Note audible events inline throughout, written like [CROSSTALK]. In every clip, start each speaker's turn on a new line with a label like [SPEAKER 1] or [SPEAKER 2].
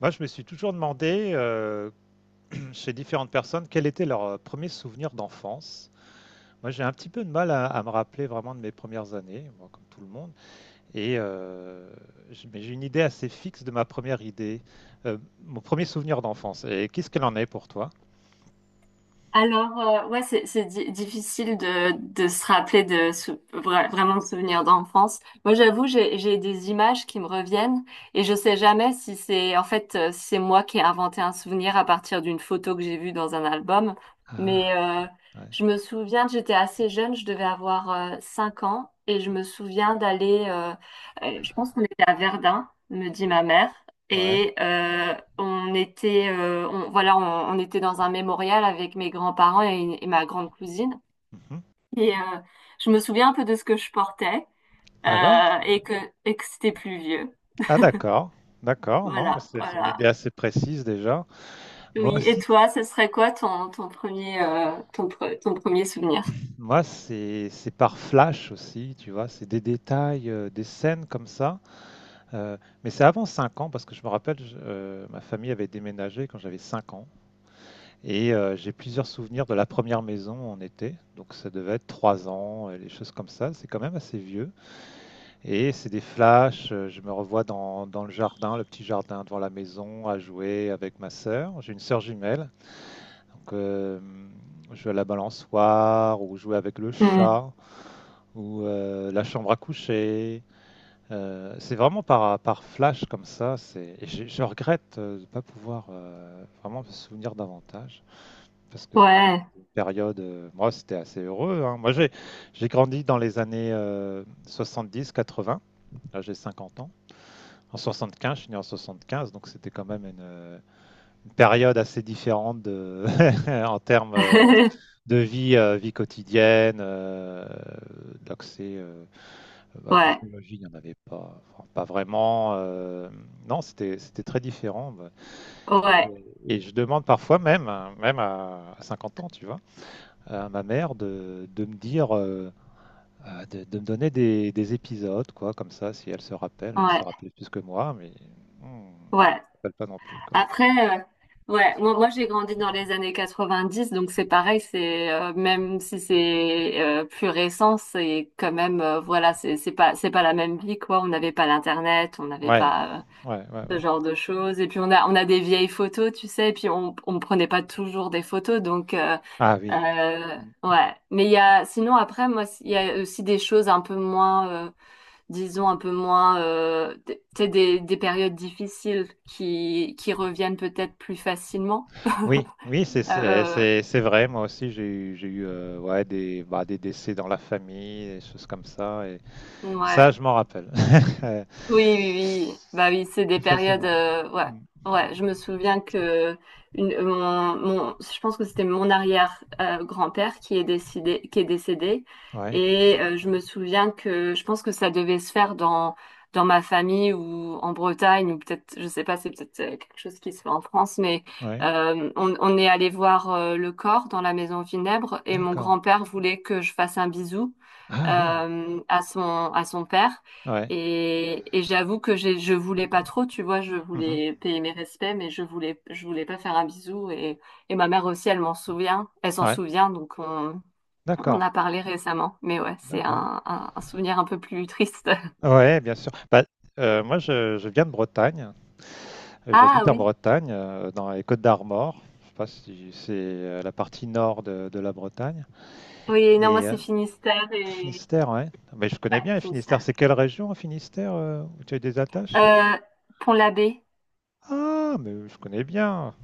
[SPEAKER 1] Moi, je me suis toujours demandé, chez différentes personnes, quel était leur, 1 souvenir d'enfance. Moi, j'ai un petit peu de mal à me rappeler vraiment de mes premières années, moi, comme tout le monde. Et heu, j mais j'ai une idée assez fixe de ma première idée, mon premier souvenir d'enfance. Et qu'est-ce qu'elle en est pour toi?
[SPEAKER 2] Ouais, c'est difficile de se rappeler vraiment de souvenirs d'enfance. Moi, j'avoue, j'ai des images qui me reviennent et je sais jamais si c'est en fait si c'est moi qui ai inventé un souvenir à partir d'une photo que j'ai vue dans un album. Mais
[SPEAKER 1] Ah, ouais.
[SPEAKER 2] je me souviens que j'étais assez jeune, je devais avoir 5 ans et je me souviens je pense qu'on était à Verdun, me dit ma mère.
[SPEAKER 1] Ouais.
[SPEAKER 2] Et on était, voilà, on était dans un mémorial avec mes grands-parents et, et ma grande cousine.
[SPEAKER 1] Mmh.
[SPEAKER 2] Et je me souviens un peu de ce que je portais
[SPEAKER 1] Ah ouais?
[SPEAKER 2] euh, et que et que c'était pluvieux.
[SPEAKER 1] Ah d'accord, d'accord, non, bah,
[SPEAKER 2] Voilà,
[SPEAKER 1] c'est une idée
[SPEAKER 2] voilà.
[SPEAKER 1] assez précise déjà. Moi
[SPEAKER 2] Oui. Et
[SPEAKER 1] aussi,
[SPEAKER 2] toi, ce serait quoi ton premier ton premier souvenir?
[SPEAKER 1] moi, c'est par flash aussi, tu vois? C'est des détails, des scènes comme ça. Heu, mais c'est avant 5 ans parce que je me rappelle, je ma famille avait déménagé quand j'avais 5 ans et j'ai plusieurs souvenirs de la première re maison en été, donc ça devait être 3 ans et les choses comme ça. C'est quand même assez vieux et c'est des flashs. Je me revois dans le jardin, le petit jardin devant la maison, à jouer avec ma sœur. J'ai une sœur jumelle, donc jouer à la balançoire ou jouer avec le
[SPEAKER 2] Hmm.
[SPEAKER 1] chat ou la chambre à coucher. C'est vraiment par flash comme ça. Et je regrette, de ne pas pouvoir, vraiment me souvenir davantage. Parce que
[SPEAKER 2] Ouais.
[SPEAKER 1] c'était une période, moi, c'était assez heureux, hein. Moi, j'ai grandi dans les années 70-80. Là, j'ai 50 ans. En 75, je suis né en 75, donc c'était quand même une période assez différente de, [LAUGHS] en termes,
[SPEAKER 2] [LAUGHS]
[SPEAKER 1] de vie, vie quotidienne, d'accès, bah,
[SPEAKER 2] Ouais.
[SPEAKER 1] technologie, il y en avait pas, enfin pas vraiment, non, c'était très différent, bah.
[SPEAKER 2] Ouais.
[SPEAKER 1] Et je demande parfois même, hein, même à 50 ans, tu vois, à ma mère de me dire, de me donner des épisodes, quoi, comme ça, si elle se rappelle. Elle se
[SPEAKER 2] Ouais.
[SPEAKER 1] rappelle plus que moi, mais mmh, je me
[SPEAKER 2] Ouais.
[SPEAKER 1] rappelle pas non plus, quoi.
[SPEAKER 2] Après, ouais, moi j'ai grandi dans les années 90, donc c'est pareil, c'est même si c'est plus récent, c'est quand même, voilà, c'est pas la même vie quoi. On n'avait pas l'internet, on n'avait
[SPEAKER 1] Ouais,
[SPEAKER 2] pas
[SPEAKER 1] ouais, ouais,
[SPEAKER 2] ce
[SPEAKER 1] ouais.
[SPEAKER 2] genre de choses, et puis on a des vieilles photos, tu sais, et puis on prenait pas toujours des photos, donc
[SPEAKER 1] Ah oui.
[SPEAKER 2] euh,
[SPEAKER 1] Mmh.
[SPEAKER 2] ouais. Mais il y a sinon après moi il y a aussi des choses un peu moins disons, un peu moins, t- tu des périodes difficiles qui reviennent peut-être plus facilement.
[SPEAKER 1] Oui, oui, c'est c'est
[SPEAKER 2] Euh,
[SPEAKER 1] c'est c'est vrai. Moi aussi j'ai eu, ouais, bah, des décès dans la famille, des choses comme ça. Ça,
[SPEAKER 2] ouais.
[SPEAKER 1] je m'en rappelle. [LAUGHS]
[SPEAKER 2] Oui, oui, oui. Bah oui, c'est des
[SPEAKER 1] Plus
[SPEAKER 2] périodes,
[SPEAKER 1] facilement.
[SPEAKER 2] ouais,
[SPEAKER 1] Mm.
[SPEAKER 2] ouais. Je me souviens que mon, je pense que c'était mon arrière grand-père qui est décédé, qui est décédé.
[SPEAKER 1] Ouais,
[SPEAKER 2] Et je me souviens que je pense que ça devait se faire dans ma famille ou en Bretagne ou peut-être, je sais pas, c'est peut-être quelque chose qui se fait en France, mais
[SPEAKER 1] ouais,
[SPEAKER 2] on est allé voir le corps dans la maison funèbre et mon
[SPEAKER 1] d'accord.
[SPEAKER 2] grand-père voulait que je fasse un bisou
[SPEAKER 1] Ah oui,
[SPEAKER 2] à son père.
[SPEAKER 1] ouais.
[SPEAKER 2] J'avoue que je voulais pas trop, tu vois, je
[SPEAKER 1] Mhm.
[SPEAKER 2] voulais payer mes respects, mais je voulais pas faire un bisou. Et ma mère aussi, elle s'en
[SPEAKER 1] Ouais,
[SPEAKER 2] souvient, donc on
[SPEAKER 1] d'accord,
[SPEAKER 2] a parlé récemment. Mais ouais, c'est
[SPEAKER 1] d'accord.
[SPEAKER 2] un souvenir un peu plus triste. [LAUGHS]
[SPEAKER 1] Ouais, bien sûr. Bah, moi, je viens de Bretagne.
[SPEAKER 2] Ah
[SPEAKER 1] J'habite en
[SPEAKER 2] oui,
[SPEAKER 1] Bretagne, dans les Côtes d'Armor. Je sais pas si c'est la partie nord de la Bretagne.
[SPEAKER 2] oui, non, moi
[SPEAKER 1] Et
[SPEAKER 2] c'est Finistère et...
[SPEAKER 1] Finistère, ouais. Mais je connais
[SPEAKER 2] Ouais,
[SPEAKER 1] bien le Finistère.
[SPEAKER 2] Finistère.
[SPEAKER 1] C'est quelle région, en Finistère, où tu as des attaches?
[SPEAKER 2] Euh, Pont-l'Abbé,
[SPEAKER 1] Ah, mais je connais bien.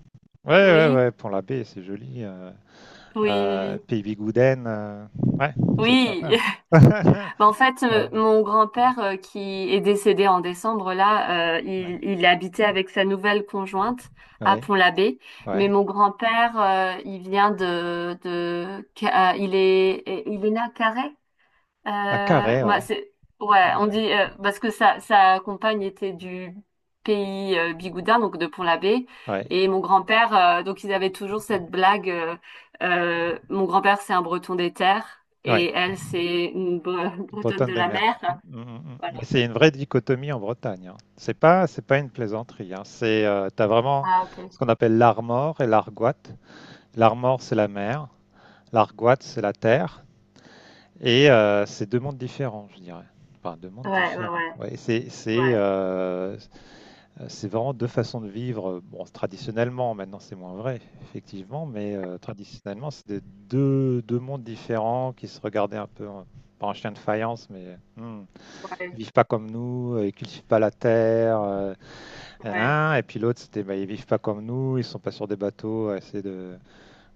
[SPEAKER 1] Ouais, ouais,
[SPEAKER 2] oui,
[SPEAKER 1] ouais. Pont-l'Abbé, c'est joli.
[SPEAKER 2] oui,
[SPEAKER 1] Pays Gouden, ouais, c'est
[SPEAKER 2] oui.
[SPEAKER 1] sympa. [LAUGHS]
[SPEAKER 2] Bah, en fait,
[SPEAKER 1] Ouais,
[SPEAKER 2] mon grand-père qui est décédé en décembre, là,
[SPEAKER 1] ouais,
[SPEAKER 2] il habitait avec sa nouvelle conjointe à
[SPEAKER 1] ouais,
[SPEAKER 2] Pont-l'Abbé.
[SPEAKER 1] ouais.
[SPEAKER 2] Mais mon grand-père, il vient de, il est né à Carhaix. Euh,
[SPEAKER 1] À Carré, ouais,
[SPEAKER 2] c'est ouais, on
[SPEAKER 1] ouais,
[SPEAKER 2] dit parce que sa compagne était du pays Bigoudin, donc de Pont-l'Abbé,
[SPEAKER 1] ouais,
[SPEAKER 2] et mon grand-père, donc ils avaient toujours cette blague. Mon grand-père, c'est un Breton des terres,
[SPEAKER 1] ouais.
[SPEAKER 2] et elle, c'est une Bre- [LAUGHS] Bretonne
[SPEAKER 1] Bretonne
[SPEAKER 2] de
[SPEAKER 1] des
[SPEAKER 2] la
[SPEAKER 1] mers.
[SPEAKER 2] mer.
[SPEAKER 1] Mm, mm, mm. Mais
[SPEAKER 2] Voilà.
[SPEAKER 1] c'est une vraie dichotomie en Bretagne, hein. C'est pas une plaisanterie, hein. C'est, t'as vraiment
[SPEAKER 2] Ah ok.
[SPEAKER 1] ce qu'on appelle l'armor et l'argoat. L'armor, c'est la mer. L'argoat, c'est la terre. Et c'est deux mondes différents, je dirais. Enfin, deux mondes
[SPEAKER 2] Ouais, ouais,
[SPEAKER 1] différents.
[SPEAKER 2] ouais,
[SPEAKER 1] Ouais, c'est c'est
[SPEAKER 2] ouais,
[SPEAKER 1] euh, c'est vraiment deux façons de vivre. Bon, traditionnellement, maintenant c'est moins vrai, effectivement, mais traditionnellement, deux mondes différents qui se regardaient un peu, pas en chien de faïence, mais hmm, ils
[SPEAKER 2] ouais,
[SPEAKER 1] vivent pas comme nous, ils cultivent pas la terre,
[SPEAKER 2] ouais.
[SPEAKER 1] nanana. Et puis l'autre, c'était, bah, ils vivent pas comme nous, ils sont pas sur des bateaux, à essayer de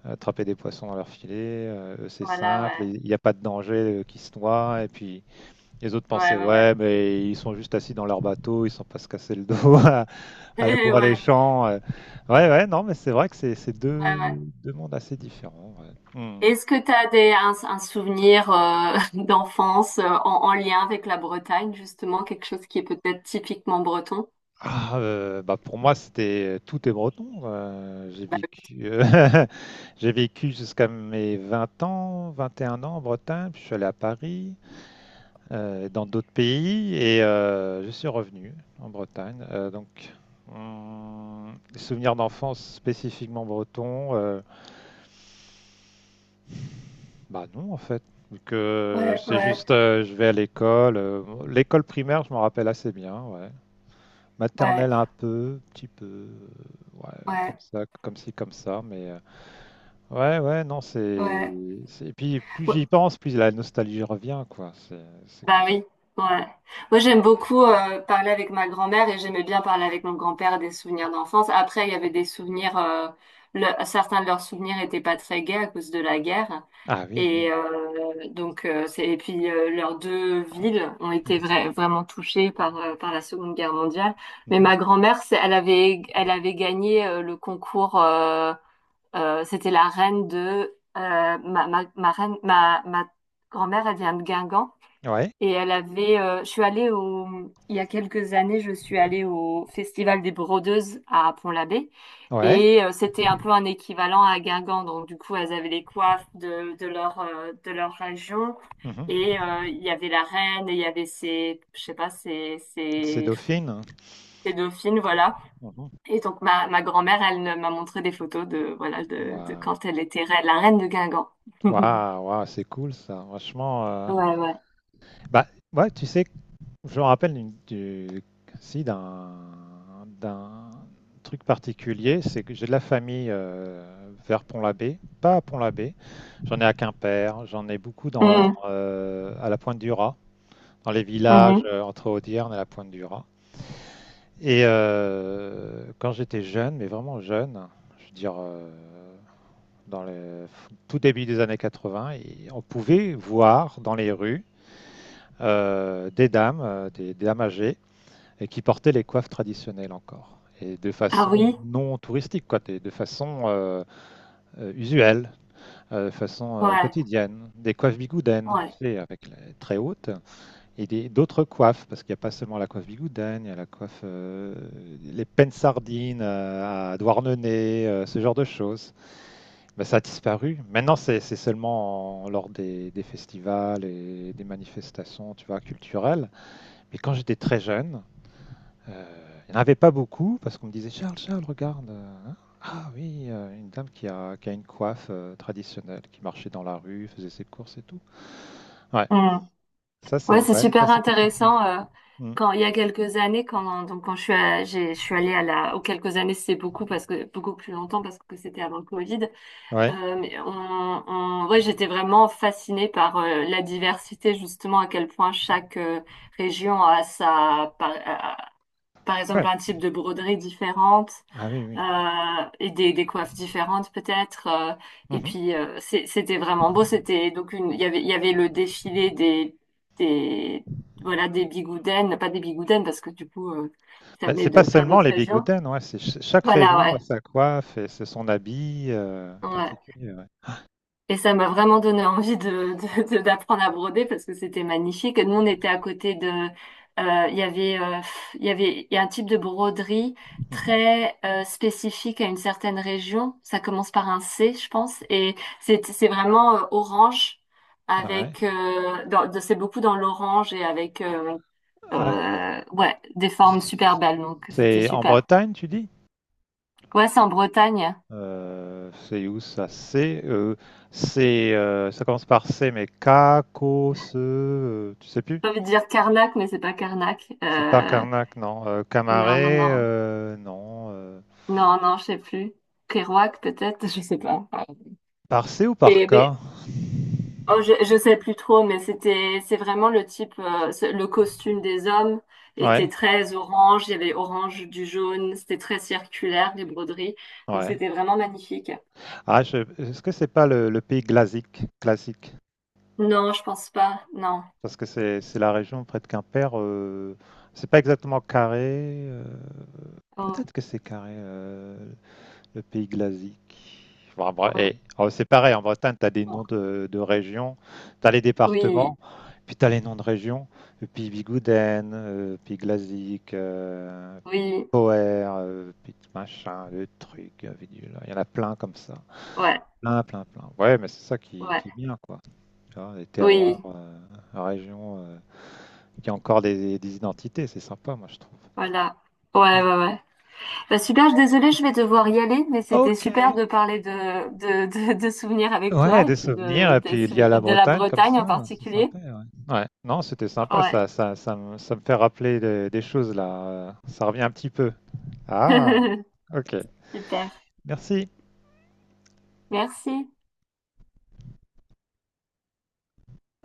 [SPEAKER 1] attraper des poissons dans leur filet, eux, c'est
[SPEAKER 2] Voilà,
[SPEAKER 1] simple,
[SPEAKER 2] ouais,
[SPEAKER 1] il n'y a pas de danger qu'ils se noient. Et puis les autres pensaient,
[SPEAKER 2] ouais, ouais,
[SPEAKER 1] ouais,
[SPEAKER 2] ouais,
[SPEAKER 1] mais ils sont juste assis dans leur bateau, ils sont pas se casser le dos [LAUGHS] à
[SPEAKER 2] [LAUGHS]
[SPEAKER 1] labourer les
[SPEAKER 2] ouais,
[SPEAKER 1] champs, euh. Ouais, ouais, non, mais c'est vrai que c'est
[SPEAKER 2] ouais,
[SPEAKER 1] deux,
[SPEAKER 2] ouais.
[SPEAKER 1] deux mondes assez différents, ouais. Hmm.
[SPEAKER 2] Est-ce que tu as un souvenir [LAUGHS] d'enfance en lien avec la Bretagne, justement, quelque chose qui est peut-être typiquement breton?
[SPEAKER 1] Ah, bah pour moi, c'était tout est breton. J'ai
[SPEAKER 2] Bah,
[SPEAKER 1] vécu, [LAUGHS] j'ai vécu jusqu'à mes 20 ans, 21 ans en Bretagne, puis je suis allé à Paris. Dans d'autres pays et je suis revenu en Bretagne. Donc, les souvenirs d'enfance spécifiquement bretons, bah non en fait. Donc,
[SPEAKER 2] ouais,
[SPEAKER 1] c'est
[SPEAKER 2] ouais,
[SPEAKER 1] juste, je vais à l'école. L'école primaire, je m'en rappelle assez bien, ouais.
[SPEAKER 2] ouais,
[SPEAKER 1] Maternelle un peu, petit peu, ouais, comme
[SPEAKER 2] ouais,
[SPEAKER 1] ça, comme ci, comme ça, mais ouais, ouais, non,
[SPEAKER 2] ouais.
[SPEAKER 1] et puis plus
[SPEAKER 2] Ouais,
[SPEAKER 1] j'y pense, plus la nostalgie revient, quoi. C'est comme.
[SPEAKER 2] bah oui, ouais. Moi, j'aime beaucoup parler avec ma grand-mère et j'aimais bien parler avec mon grand-père des souvenirs d'enfance. Après, il y avait des souvenirs, certains de leurs souvenirs étaient pas très gais à cause de la guerre.
[SPEAKER 1] Ah oui, oui.
[SPEAKER 2] Et et puis leurs deux villes ont été vraiment touchées par par la Seconde Guerre mondiale. Mais
[SPEAKER 1] Mhm.
[SPEAKER 2] ma grand-mère, elle avait gagné le concours, c'était la reine de ma, ma ma reine, ma ma grand-mère, elle vient de Guingamp.
[SPEAKER 1] Ouais,
[SPEAKER 2] Et elle avait, je suis allée au, il y a quelques années, je suis allée au Festival des Brodeuses à Pont-l'Abbé.
[SPEAKER 1] ouais.
[SPEAKER 2] Et c'était un peu un équivalent à Guingamp. Donc, du coup, elles avaient les coiffes de leur région.
[SPEAKER 1] Mhm.
[SPEAKER 2] Et il y avait la reine, et il y avait ses, je sais pas,
[SPEAKER 1] C'est Dauphine.
[SPEAKER 2] ses dauphines, voilà.
[SPEAKER 1] Mhm.
[SPEAKER 2] Et donc, ma grand-mère, elle m'a montré des photos de, voilà, de
[SPEAKER 1] Waouh,
[SPEAKER 2] quand elle était reine, la reine de Guingamp. [LAUGHS]
[SPEAKER 1] waouh, waouh, c'est cool ça. Franchement,
[SPEAKER 2] Ouais, ouais.
[SPEAKER 1] bah ouais, tu sais, je me rappelle si d'un truc particulier, c'est que j'ai de la famille vers Pont-l'Abbé, pas à Pont-l'Abbé. J'en ai à Quimper, j'en ai beaucoup dans,
[SPEAKER 2] Mhm,
[SPEAKER 1] à la Pointe du Raz, dans les villages,
[SPEAKER 2] mhm.
[SPEAKER 1] entre Audierne et la Pointe du Raz. Et quand j'étais jeune, mais vraiment jeune, je veux dire, dans le tout début des années 80, et on pouvait voir dans les rues des dames, des dames âgées, et qui portaient les coiffes traditionnelles encore. Et de
[SPEAKER 2] Ah
[SPEAKER 1] façon
[SPEAKER 2] oui,
[SPEAKER 1] non touristique, quoi, de façon, usuelle, de façon,
[SPEAKER 2] ouais,
[SPEAKER 1] quotidienne. Des coiffes bigoudaines,
[SPEAKER 2] ouais.
[SPEAKER 1] tu sais, avec les très hautes, et d'autres coiffes, parce qu'il n'y a pas seulement la coiffe bigoudaine. Il y a la coiffe, les peines sardines, à Douarnenez, ce genre de choses. Bah, ça a disparu. Maintenant, c'est seulement lors des festivals et des manifestations, tu vois, culturelles. Mais quand j'étais très jeune, il n'y en avait pas beaucoup, parce qu'on me disait, Charles, Charles, regarde, hein. Ah oui, une dame qui a une coiffe, traditionnelle, qui marchait dans la rue, faisait ses courses et tout. Ouais,
[SPEAKER 2] Mmh. Ouais, c'est
[SPEAKER 1] Ouais, ça
[SPEAKER 2] super
[SPEAKER 1] c'est...
[SPEAKER 2] intéressant.
[SPEAKER 1] Mm.
[SPEAKER 2] Quand il y a quelques années, quand donc quand je suis à- j'ai, je suis allée à la, aux quelques années, c'est beaucoup parce que beaucoup plus longtemps parce que c'était avant le Covid.
[SPEAKER 1] Ouais.
[SPEAKER 2] Mais ouais, j'étais vraiment fascinée par la diversité, justement à quel point chaque région a sa, par exemple
[SPEAKER 1] Ouais.
[SPEAKER 2] un type de broderie différente,
[SPEAKER 1] Ah oui,
[SPEAKER 2] euh,
[SPEAKER 1] oui.
[SPEAKER 2] et des coiffes différentes peut-être, et
[SPEAKER 1] Mhm.
[SPEAKER 2] puis c'est- c'était vraiment beau. C'était donc une, il y avait le défilé des voilà des bigoudaines, pas des bigoudaines parce que du coup ça
[SPEAKER 1] Bah,
[SPEAKER 2] venait
[SPEAKER 1] c'est pas
[SPEAKER 2] de plein
[SPEAKER 1] seulement
[SPEAKER 2] d'autres
[SPEAKER 1] les
[SPEAKER 2] régions.
[SPEAKER 1] bigoudens, ouais, c'est chaque
[SPEAKER 2] Voilà,
[SPEAKER 1] région a
[SPEAKER 2] ouais,
[SPEAKER 1] sa coiffe et c'est son habit,
[SPEAKER 2] ouais.
[SPEAKER 1] particulier.
[SPEAKER 2] Et ça m'a vraiment donné envie d'apprendre à broder parce que c'était magnifique. Et nous, on était à côté de, euh, il y avait, euh, il y avait, il y a un type de broderie
[SPEAKER 1] Mhm.
[SPEAKER 2] très spécifique à une certaine région. Ça commence par un C, je pense, et c'est vraiment orange
[SPEAKER 1] Ouais.
[SPEAKER 2] avec, c'est beaucoup dans l'orange et avec,
[SPEAKER 1] Ah,
[SPEAKER 2] ouais, des formes super belles. Donc c'était
[SPEAKER 1] c'est en
[SPEAKER 2] super.
[SPEAKER 1] Bretagne, tu dis?
[SPEAKER 2] Ouais, c'est en Bretagne.
[SPEAKER 1] C'est où ça? Ça commence par C, mais K, Ko, Ce, tu sais plus?
[SPEAKER 2] J'ai envie de dire Carnac, mais c'est pas Carnac.
[SPEAKER 1] C'est par Carnac, non.
[SPEAKER 2] Non, non,
[SPEAKER 1] Camaret,
[SPEAKER 2] non.
[SPEAKER 1] non, euh.
[SPEAKER 2] Non, non, je sais plus. Kerouac, peut-être, je sais pas.
[SPEAKER 1] Par C ou par
[SPEAKER 2] Et ben,
[SPEAKER 1] K?
[SPEAKER 2] oh, je sais plus trop, mais c'était, c'est vraiment le type, le costume des hommes était
[SPEAKER 1] Ouais,
[SPEAKER 2] très orange. Il y avait orange, du jaune. C'était très circulaire, les broderies. Donc
[SPEAKER 1] ouais.
[SPEAKER 2] c'était vraiment magnifique.
[SPEAKER 1] Ah, je- est-ce que c'est pas le, pays glasique, classique?
[SPEAKER 2] Non, je pense pas. Non.
[SPEAKER 1] Parce que c'est la région près de Quimper. C'est pas exactement carré,
[SPEAKER 2] Oh,
[SPEAKER 1] peut-être que c'est carré, le pays glasique. Bon, bref,
[SPEAKER 2] ouais.
[SPEAKER 1] oh, c'est pareil, en Bretagne. Tu as des
[SPEAKER 2] Bon.
[SPEAKER 1] noms de régions, tu as les départements,
[SPEAKER 2] Oui,
[SPEAKER 1] puis tu as les noms de régions. Le pays Bigouden, pays glasique,
[SPEAKER 2] oui,
[SPEAKER 1] Poer, puis machin, le truc, bidule. Il y en a plein comme ça.
[SPEAKER 2] ouais,
[SPEAKER 1] Plein, plein, plein. Ouais, mais c'est ça qui,
[SPEAKER 2] ouais,
[SPEAKER 1] qui est bien, quoi. Tu vois, les terroirs,
[SPEAKER 2] oui.
[SPEAKER 1] régions, il y a encore des identités, c'est sympa, moi, je trouve.
[SPEAKER 2] Voilà. Ouais, ouais, ouais. Bah super, je désolée, je vais devoir y aller, mais c'était
[SPEAKER 1] Ok,
[SPEAKER 2] super de parler de souvenirs avec
[SPEAKER 1] ouais,
[SPEAKER 2] toi et
[SPEAKER 1] des
[SPEAKER 2] puis
[SPEAKER 1] souvenirs, et puis il y a la
[SPEAKER 2] de la
[SPEAKER 1] Bretagne comme
[SPEAKER 2] Bretagne en
[SPEAKER 1] ça, c'est
[SPEAKER 2] particulier.
[SPEAKER 1] sympa, ouais. Ouais, non, c'était sympa,
[SPEAKER 2] Ouais,
[SPEAKER 1] ça me fait rappeler des choses là, ça revient un petit peu. Ah,
[SPEAKER 2] [LAUGHS]
[SPEAKER 1] ok,
[SPEAKER 2] super.
[SPEAKER 1] merci.
[SPEAKER 2] Merci.